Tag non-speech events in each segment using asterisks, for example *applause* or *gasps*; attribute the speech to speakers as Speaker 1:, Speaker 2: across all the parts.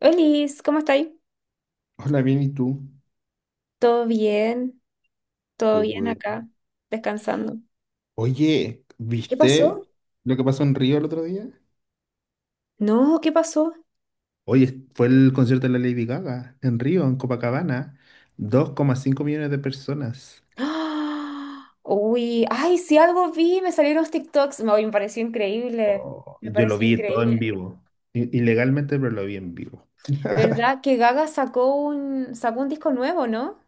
Speaker 1: Olis, ¿cómo estáis?
Speaker 2: Hola, bien, ¿y tú?
Speaker 1: ¿Todo bien?
Speaker 2: Qué
Speaker 1: ¿Todo bien
Speaker 2: bueno.
Speaker 1: acá? Descansando.
Speaker 2: Oye,
Speaker 1: ¿Qué
Speaker 2: ¿viste
Speaker 1: pasó?
Speaker 2: lo que pasó en Río el otro día?
Speaker 1: No, ¿qué pasó?
Speaker 2: Oye, fue el concierto de la Lady Gaga en Río, en Copacabana. 2,5 millones de personas.
Speaker 1: ¡Ah! Uy, ay, si algo vi, me salieron los TikToks. No, y me pareció increíble.
Speaker 2: Oh,
Speaker 1: Me
Speaker 2: yo lo
Speaker 1: pareció
Speaker 2: vi todo en
Speaker 1: increíble.
Speaker 2: vivo. Ilegalmente, pero lo vi en vivo.
Speaker 1: ¿Verdad
Speaker 2: *laughs*
Speaker 1: que Gaga sacó un disco nuevo, no?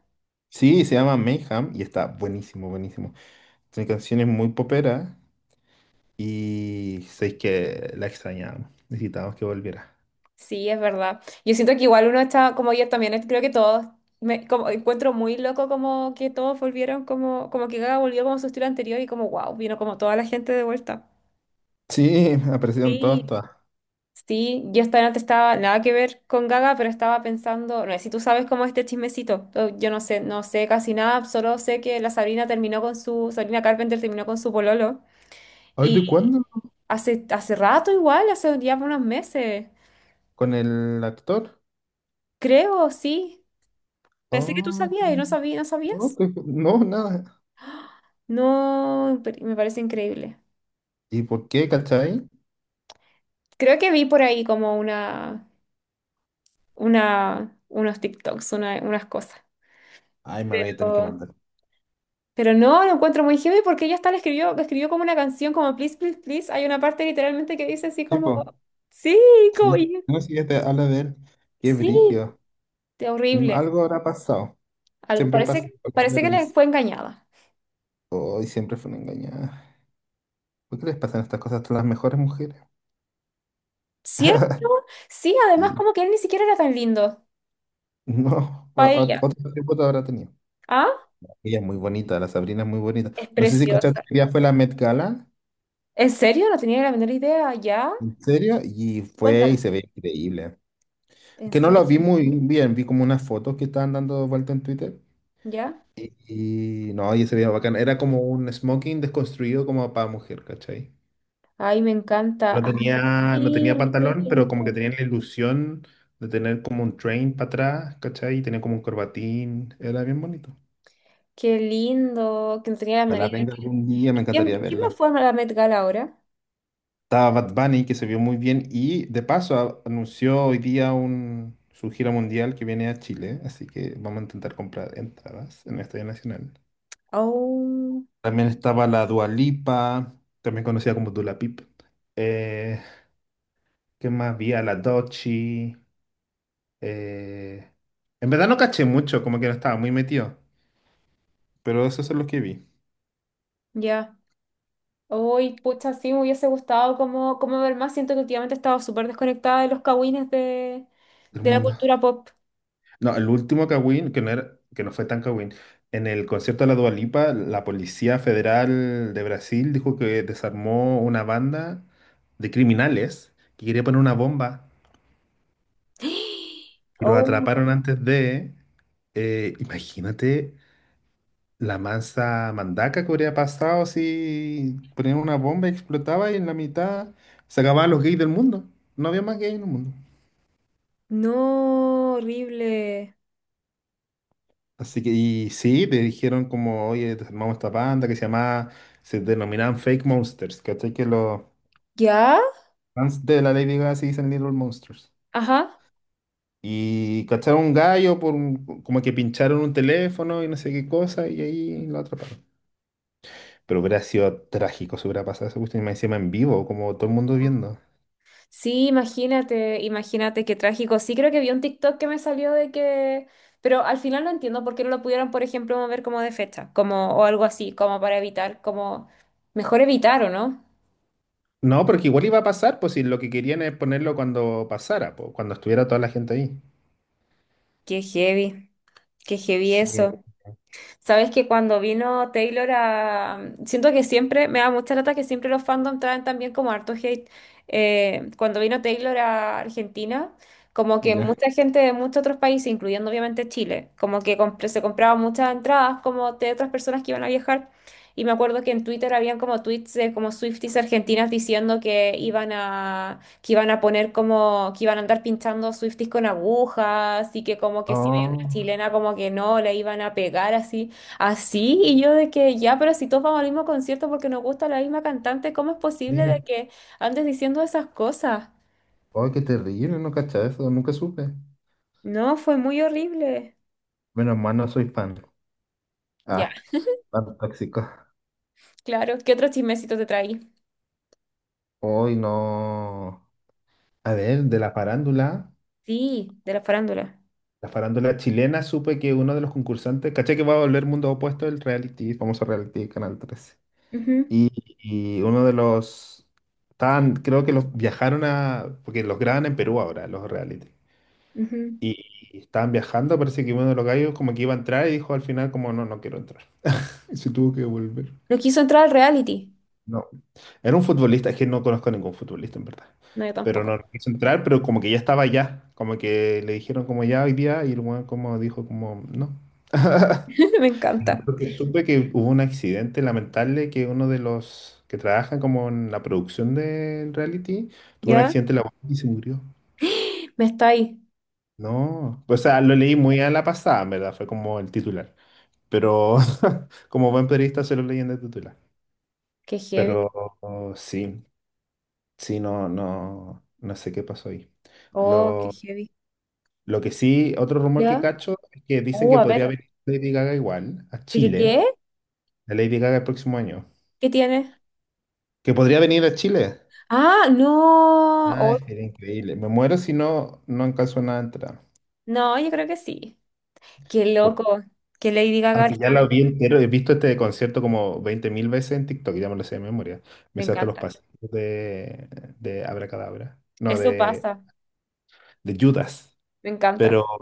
Speaker 2: Sí, se llama Mayhem y está buenísimo, buenísimo. Tiene canciones muy poperas y sé que la extrañamos. Necesitábamos que volviera.
Speaker 1: Sí, es verdad. Yo siento que igual uno está, como yo también, creo que todos, me como, encuentro muy loco como que todos volvieron, como que Gaga volvió como a su estilo anterior y como, wow, vino como toda la gente de vuelta.
Speaker 2: Sí, *laughs* aparecieron todas,
Speaker 1: Sí.
Speaker 2: todas.
Speaker 1: Sí, yo esta noche estaba nada que ver con Gaga, pero estaba pensando, no sé si tú sabes cómo es este chismecito. Yo no sé, no sé casi nada, solo sé que la Sabrina terminó con su, Sabrina Carpenter terminó con su pololo.
Speaker 2: ¿Hoy de
Speaker 1: Y
Speaker 2: cuándo?
Speaker 1: hace rato igual, hace ya unos meses,
Speaker 2: Con el actor.
Speaker 1: creo, sí. Pensé que tú
Speaker 2: Ay,
Speaker 1: sabías y no sabía, ¿no
Speaker 2: no,
Speaker 1: sabías?
Speaker 2: no, nada.
Speaker 1: No, pero me parece increíble.
Speaker 2: ¿Y por qué, cachai?
Speaker 1: Creo que vi por ahí como unos TikToks, unas cosas.
Speaker 2: Ay, me voy a tener que mandar.
Speaker 1: Pero no, lo encuentro muy heavy porque ella hasta le escribió como una canción como Please, Please, Please. Hay una parte literalmente que dice así como,
Speaker 2: Tipo,
Speaker 1: sí,
Speaker 2: sí, po,
Speaker 1: como,
Speaker 2: sí. No, sí, ya te habla de él. Qué
Speaker 1: sí,
Speaker 2: brígido.
Speaker 1: de horrible.
Speaker 2: Algo habrá pasado.
Speaker 1: Algo,
Speaker 2: Siempre
Speaker 1: parece,
Speaker 2: pasa con las
Speaker 1: parece que le
Speaker 2: girlies.
Speaker 1: fue engañada.
Speaker 2: Hoy siempre fueron engañadas. ¿Por qué les pasan estas cosas a las mejores mujeres?
Speaker 1: ¿Cierto? Sí, además
Speaker 2: Sí.
Speaker 1: como
Speaker 2: *laughs*
Speaker 1: que él ni siquiera era tan lindo
Speaker 2: No,
Speaker 1: para ella.
Speaker 2: otro tipo te habrá tenido.
Speaker 1: ¿Ah?
Speaker 2: Ella es muy bonita, la Sabrina es muy bonita.
Speaker 1: Es
Speaker 2: No sé si cachaste
Speaker 1: preciosa.
Speaker 2: que ella fue la Met Gala,
Speaker 1: ¿En serio? No tenía la menor idea. ¿Ya?
Speaker 2: en serio, y fue y
Speaker 1: Cuéntame.
Speaker 2: se ve increíble.
Speaker 1: ¿En
Speaker 2: Que no
Speaker 1: serio?
Speaker 2: lo vi muy bien, vi como unas fotos que estaban dando vuelta en Twitter.
Speaker 1: ¿Ya?
Speaker 2: Y, y no, y se veía bacán. Era como un smoking desconstruido como para mujer, ¿cachai?
Speaker 1: Ay, me encanta.
Speaker 2: No tenía, no
Speaker 1: Ay,
Speaker 2: tenía
Speaker 1: lo estoy
Speaker 2: pantalón, pero
Speaker 1: viendo.
Speaker 2: como que tenía la ilusión de tener como un train para atrás, ¿cachai? Y tenía como un corbatín. Era bien bonito.
Speaker 1: Qué lindo, que no tenía la menor
Speaker 2: Ojalá
Speaker 1: idea.
Speaker 2: venga algún día, me
Speaker 1: ¿Y quién,
Speaker 2: encantaría
Speaker 1: quién me
Speaker 2: verla.
Speaker 1: fue a la Met Gala ahora?
Speaker 2: Estaba Bad Bunny, que se vio muy bien. Y de paso anunció hoy día su gira mundial que viene a Chile. Así que vamos a intentar comprar entradas en el Estadio Nacional.
Speaker 1: Oh,
Speaker 2: También estaba la Dualipa, también conocida como Dula Pip. Eh, ¿Qué más había? La Dochi. eh, En verdad no caché mucho, como que no estaba muy metido. Pero esos son los que vi
Speaker 1: ya. Hoy, pucha, sí, me hubiese gustado como, ver más. Siento que últimamente he estado súper desconectada de los cagüines de,
Speaker 2: del
Speaker 1: de la
Speaker 2: mundo.
Speaker 1: cultura pop.
Speaker 2: No, el último Kawin, que no fue tan Kawin. En el concierto de la Dualipa, la Policía Federal de Brasil dijo que desarmó una banda de criminales que quería poner una bomba.
Speaker 1: *gasps*
Speaker 2: Y los
Speaker 1: Oh,
Speaker 2: atraparon antes de. Imagínate la masa mandaca que habría pasado si ponían una bomba y explotaba y en la mitad se acababan los gays del mundo. No había más gays en el mundo.
Speaker 1: no, horrible.
Speaker 2: Así que, y sí, te dijeron como, oye, armamos esta banda se denominaban Fake Monsters, ¿cachai? Que los
Speaker 1: ¿Ya?
Speaker 2: fans de la Lady Gaga se dicen Little Monsters.
Speaker 1: Ajá.
Speaker 2: Y cacharon un gallo como que pincharon un teléfono y no sé qué cosa y ahí lo atraparon. Pero hubiera sido trágico si hubiera pasado esa cuestión y más encima en vivo, como todo el mundo viendo.
Speaker 1: Sí, imagínate, imagínate qué trágico. Sí, creo que vi un TikTok que me salió de que, pero al final no entiendo por qué no lo pudieron, por ejemplo, mover como de fecha, como o algo así, como para evitar, como mejor evitar, ¿o no?
Speaker 2: No, porque igual iba a pasar, pues si lo que querían es ponerlo cuando pasara, pues, cuando estuviera toda la gente ahí.
Speaker 1: Qué heavy, qué heavy
Speaker 2: Sí.
Speaker 1: eso. Sabes que cuando vino Taylor a... Siento que siempre, me da mucha lata que siempre los fandom traen también como harto hate. Cuando vino Taylor a Argentina, como que
Speaker 2: Ya.
Speaker 1: mucha gente de muchos otros países, incluyendo obviamente Chile, como que se compraban muchas entradas como de otras personas que iban a viajar. Y me acuerdo que en Twitter habían como tweets de como Swifties argentinas diciendo que iban a, poner como, que iban a andar pinchando Swifties con agujas y que como que si veían
Speaker 2: Oh,
Speaker 1: una chilena como que no, le iban a pegar así. Así, y yo de que ya, pero si todos vamos al mismo concierto porque nos gusta la misma cantante, ¿cómo es posible de
Speaker 2: eh.
Speaker 1: que andes diciendo esas cosas?
Speaker 2: Oh, qué terrible, no cacha eso, nunca supe.
Speaker 1: No, fue muy horrible.
Speaker 2: Menos mal no soy fan. Ah,
Speaker 1: Ya,
Speaker 2: fan tóxico.
Speaker 1: claro. ¿Qué otro chismecito te traí?
Speaker 2: Hoy no. A ver, de
Speaker 1: Sí, de la farándula.
Speaker 2: la farándula chilena, supe que uno de los concursantes, caché que va a volver Mundo Opuesto el reality, famoso reality de Canal 13.
Speaker 1: Ujú,
Speaker 2: Y, y uno de los... Estaban, creo que los viajaron a... Porque los graban en Perú ahora, los reality.
Speaker 1: ujú.
Speaker 2: Y, y estaban viajando, parece que uno de los gallos como que iba a entrar y dijo al final como no, no quiero entrar. Y se tuvo que volver.
Speaker 1: No quiso entrar al reality.
Speaker 2: No. Era un futbolista, es que no conozco a ningún futbolista en verdad.
Speaker 1: No, yo
Speaker 2: Pero
Speaker 1: tampoco.
Speaker 2: no quiso entrar, pero como que ya estaba ya. Como que le dijeron como ya hoy día y el weón como dijo como no. *laughs*
Speaker 1: *laughs* Me encanta.
Speaker 2: Porque supe que hubo un accidente lamentable que uno de los que trabajan como en la producción del reality tuvo un
Speaker 1: ¿Ya?
Speaker 2: accidente laboral y se murió.
Speaker 1: Me está ahí.
Speaker 2: No, o sea, lo leí muy a la pasada, en verdad, fue como el titular. Pero *laughs* como buen periodista se lo leí en el titular.
Speaker 1: Qué heavy.
Speaker 2: Pero oh, sí, sí, no, no, no sé qué pasó ahí.
Speaker 1: Oh, qué
Speaker 2: Lo,
Speaker 1: heavy.
Speaker 2: lo que sí, otro rumor que
Speaker 1: ¿Ya?
Speaker 2: cacho es que dicen que
Speaker 1: A
Speaker 2: podría
Speaker 1: ver.
Speaker 2: venir Lady Gaga igual a
Speaker 1: ¿De qué? ¿Qué
Speaker 2: Chile, la Lady Gaga el próximo año.
Speaker 1: ¿Qué tiene?
Speaker 2: Que podría venir a Chile.
Speaker 1: Ah, no.
Speaker 2: Ah,
Speaker 1: Oh,
Speaker 2: sería increíble. Me muero si no, no alcanzo nada a entrar.
Speaker 1: no, yo creo que sí. Qué
Speaker 2: Por-
Speaker 1: loco, que Lady Gaga
Speaker 2: Aunque ya
Speaker 1: está
Speaker 2: la vi entero, he visto este concierto como 20.000 veces en TikTok, ya me lo sé de memoria. Me
Speaker 1: Me
Speaker 2: sé hasta los
Speaker 1: encanta.
Speaker 2: pasos de Abracadabra. No,
Speaker 1: Eso
Speaker 2: de,
Speaker 1: pasa,
Speaker 2: de Judas.
Speaker 1: me
Speaker 2: Pero
Speaker 1: encanta.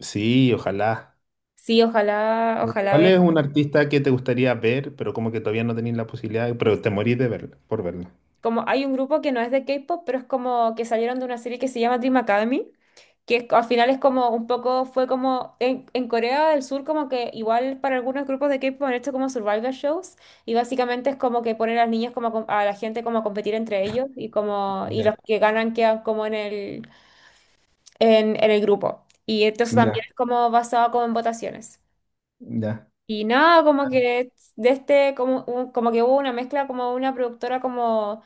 Speaker 2: sí, ojalá.
Speaker 1: Sí, ojalá, ojalá
Speaker 2: ¿Cuál
Speaker 1: ve.
Speaker 2: es un artista que te gustaría ver, pero como que todavía no tenés la posibilidad, pero te morís por verlo?
Speaker 1: Como hay un grupo que no es de K-pop, pero es como que salieron de una serie que se llama Dream Academy, que al final es como un poco, fue como en Corea del Sur, como que igual para algunos grupos de K-pop han hecho como survival shows, y básicamente es como que ponen a las niñas como a la gente como a competir entre ellos, y como, y los
Speaker 2: Ya,
Speaker 1: que ganan quedan como en el grupo. Y entonces también
Speaker 2: ya,
Speaker 1: es como basado como en votaciones.
Speaker 2: ya.
Speaker 1: Y nada, como que de este, como, como que hubo una mezcla como una productora como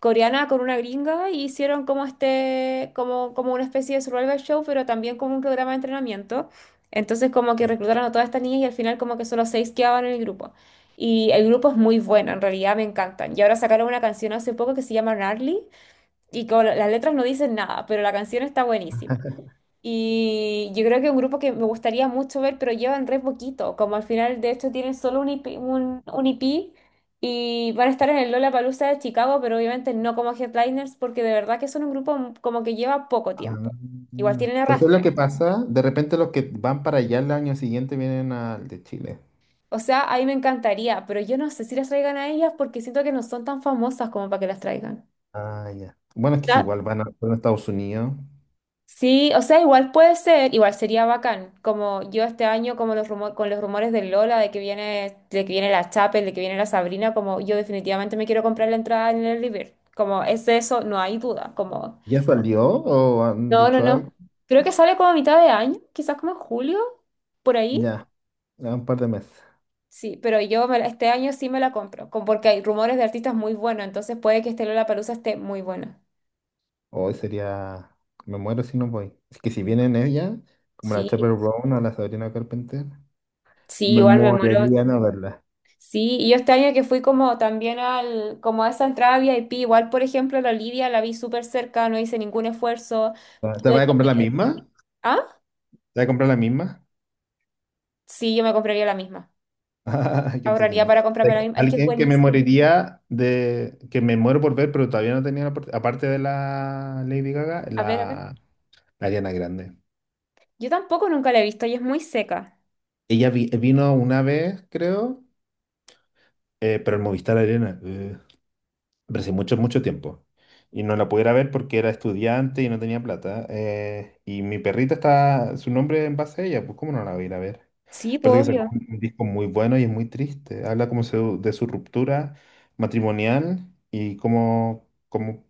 Speaker 1: coreana con una gringa y hicieron como este, como, como una especie de survival show, pero también como un programa de entrenamiento. Entonces como que reclutaron a todas estas niñas y al final como que solo seis quedaban en el grupo. Y el grupo es muy bueno, en realidad me encantan. Y ahora sacaron una canción hace poco que se llama Gnarly y con las letras no dicen nada, pero la canción está buenísima. Y yo creo que es un grupo que me gustaría mucho ver, pero llevan re poquito. Como al final, de hecho, tienen solo un IP, un EP y van a estar en el Lollapalooza de Chicago, pero obviamente no como headliners, porque de verdad que son un grupo como que lleva poco
Speaker 2: Ah,
Speaker 1: tiempo. Igual tienen
Speaker 2: pero ¿sabes lo
Speaker 1: arrastre.
Speaker 2: que pasa? De repente los que van para allá el año siguiente vienen al de Chile.
Speaker 1: O sea, a mí me encantaría, pero yo no sé si las traigan a ellas porque siento que no son tan famosas como para que las traigan.
Speaker 2: Ah, ya. Bueno, es que es igual, van a Estados Unidos.
Speaker 1: Sí, o sea, igual puede ser, igual sería bacán, como yo este año, como los con los rumores de Lola, de que viene la Chapel, de que viene la Sabrina, como yo definitivamente me quiero comprar la entrada en el River, como es de eso, no hay duda, como,
Speaker 2: ¿Ya salió o han
Speaker 1: no, no,
Speaker 2: dicho algo?
Speaker 1: no, creo que sale como a mitad de año, quizás como en julio, por ahí,
Speaker 2: Ya, a un par de meses.
Speaker 1: sí, pero yo este año sí me la compro, como porque hay rumores de artistas muy buenos, entonces puede que este Lollapalooza esté muy bueno,
Speaker 2: Hoy sería... Me muero si no voy. Es que si vienen ella, como la
Speaker 1: sí,
Speaker 2: Chappell Brown o la Sabrina Carpenter,
Speaker 1: sí,
Speaker 2: me
Speaker 1: igual me muero.
Speaker 2: moriría no verla.
Speaker 1: Sí, y yo este año que fui como también al, como a esa entrada VIP, igual por ejemplo la Olivia la vi súper cerca, no hice ningún esfuerzo,
Speaker 2: ¿Te
Speaker 1: tuve
Speaker 2: vas a comprar la
Speaker 1: comida.
Speaker 2: misma?
Speaker 1: ¿Ah?
Speaker 2: ¿Te vas a comprar la misma?
Speaker 1: Sí, yo me compraría la misma.
Speaker 2: *laughs* Ah, qué
Speaker 1: Ahorraría
Speaker 2: entretenido.
Speaker 1: para comprarme la misma. Es que es
Speaker 2: Alguien que me
Speaker 1: buenísima.
Speaker 2: moriría de que me muero por ver, pero todavía no tenía la oportunidad, aparte de la Lady Gaga,
Speaker 1: A ver, a ver.
Speaker 2: la Ariana Grande.
Speaker 1: Yo tampoco nunca la he visto y es muy seca.
Speaker 2: Ella vino una vez, creo, pero el Movistar Arena, pero hace mucho, mucho tiempo. Y no la pudiera ver porque era estudiante y no tenía plata. Y mi perrita está, su nombre en base a ella, pues ¿cómo no la voy a ir a ver?
Speaker 1: Sí, pues,
Speaker 2: Aparte que sacó
Speaker 1: obvio.
Speaker 2: un disco muy bueno y es muy triste. Habla como de su ruptura matrimonial y cómo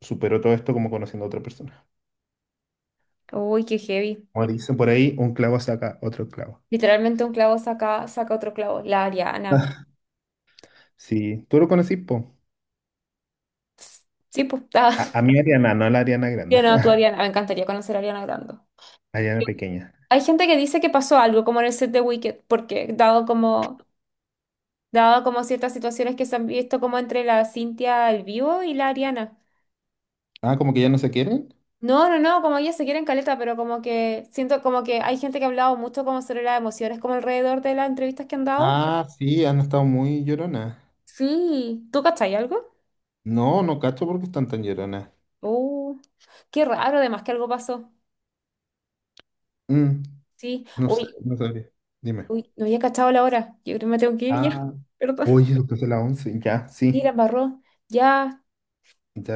Speaker 2: superó todo esto como conociendo a otra persona.
Speaker 1: Uy, qué heavy.
Speaker 2: Como dicen por ahí, un clavo saca otro clavo.
Speaker 1: Literalmente un clavo saca otro clavo. La Ariana.
Speaker 2: *laughs* Sí, tú lo conocí, po.
Speaker 1: Sí, pues, está.
Speaker 2: A mí Ariana, no a la Ariana
Speaker 1: *laughs* Yo
Speaker 2: grande.
Speaker 1: no, tú
Speaker 2: *laughs*
Speaker 1: Ariana. Me encantaría conocer a Ariana Grande.
Speaker 2: Ariana pequeña.
Speaker 1: Hay gente que dice que pasó algo como en el set de Wicked, porque dado como ciertas situaciones que se han visto como entre la Cintia al vivo y la Ariana.
Speaker 2: Ah, como que ya no se quieren.
Speaker 1: No, no, no, como ellas se quieren caleta, pero como que siento como que hay gente que ha hablado mucho como sobre las emociones, como alrededor de las entrevistas que han dado.
Speaker 2: Ah, sí, han estado muy lloronas.
Speaker 1: Sí, ¿tú cachai algo?
Speaker 2: No, no cacho porque están tan lloronas.
Speaker 1: Uh, qué raro, además que algo pasó.
Speaker 2: Mm,
Speaker 1: Sí,
Speaker 2: no sé,
Speaker 1: uy,
Speaker 2: no sabía. Dime.
Speaker 1: uy, no había cachado la hora. Yo creo que me tengo que ir ya,
Speaker 2: Ah,
Speaker 1: *laughs* perdón.
Speaker 2: oye, después de la 11, ya,
Speaker 1: Y la
Speaker 2: sí.
Speaker 1: embarró, ya.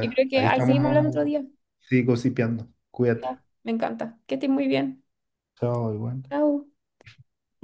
Speaker 1: Yo creo que
Speaker 2: ahí
Speaker 1: ahí
Speaker 2: estamos,
Speaker 1: seguimos hablando otro día.
Speaker 2: sí, gossipeando. Cuídate.
Speaker 1: Ya, me encanta. Que estés muy bien.
Speaker 2: Chao, igual.
Speaker 1: Chao.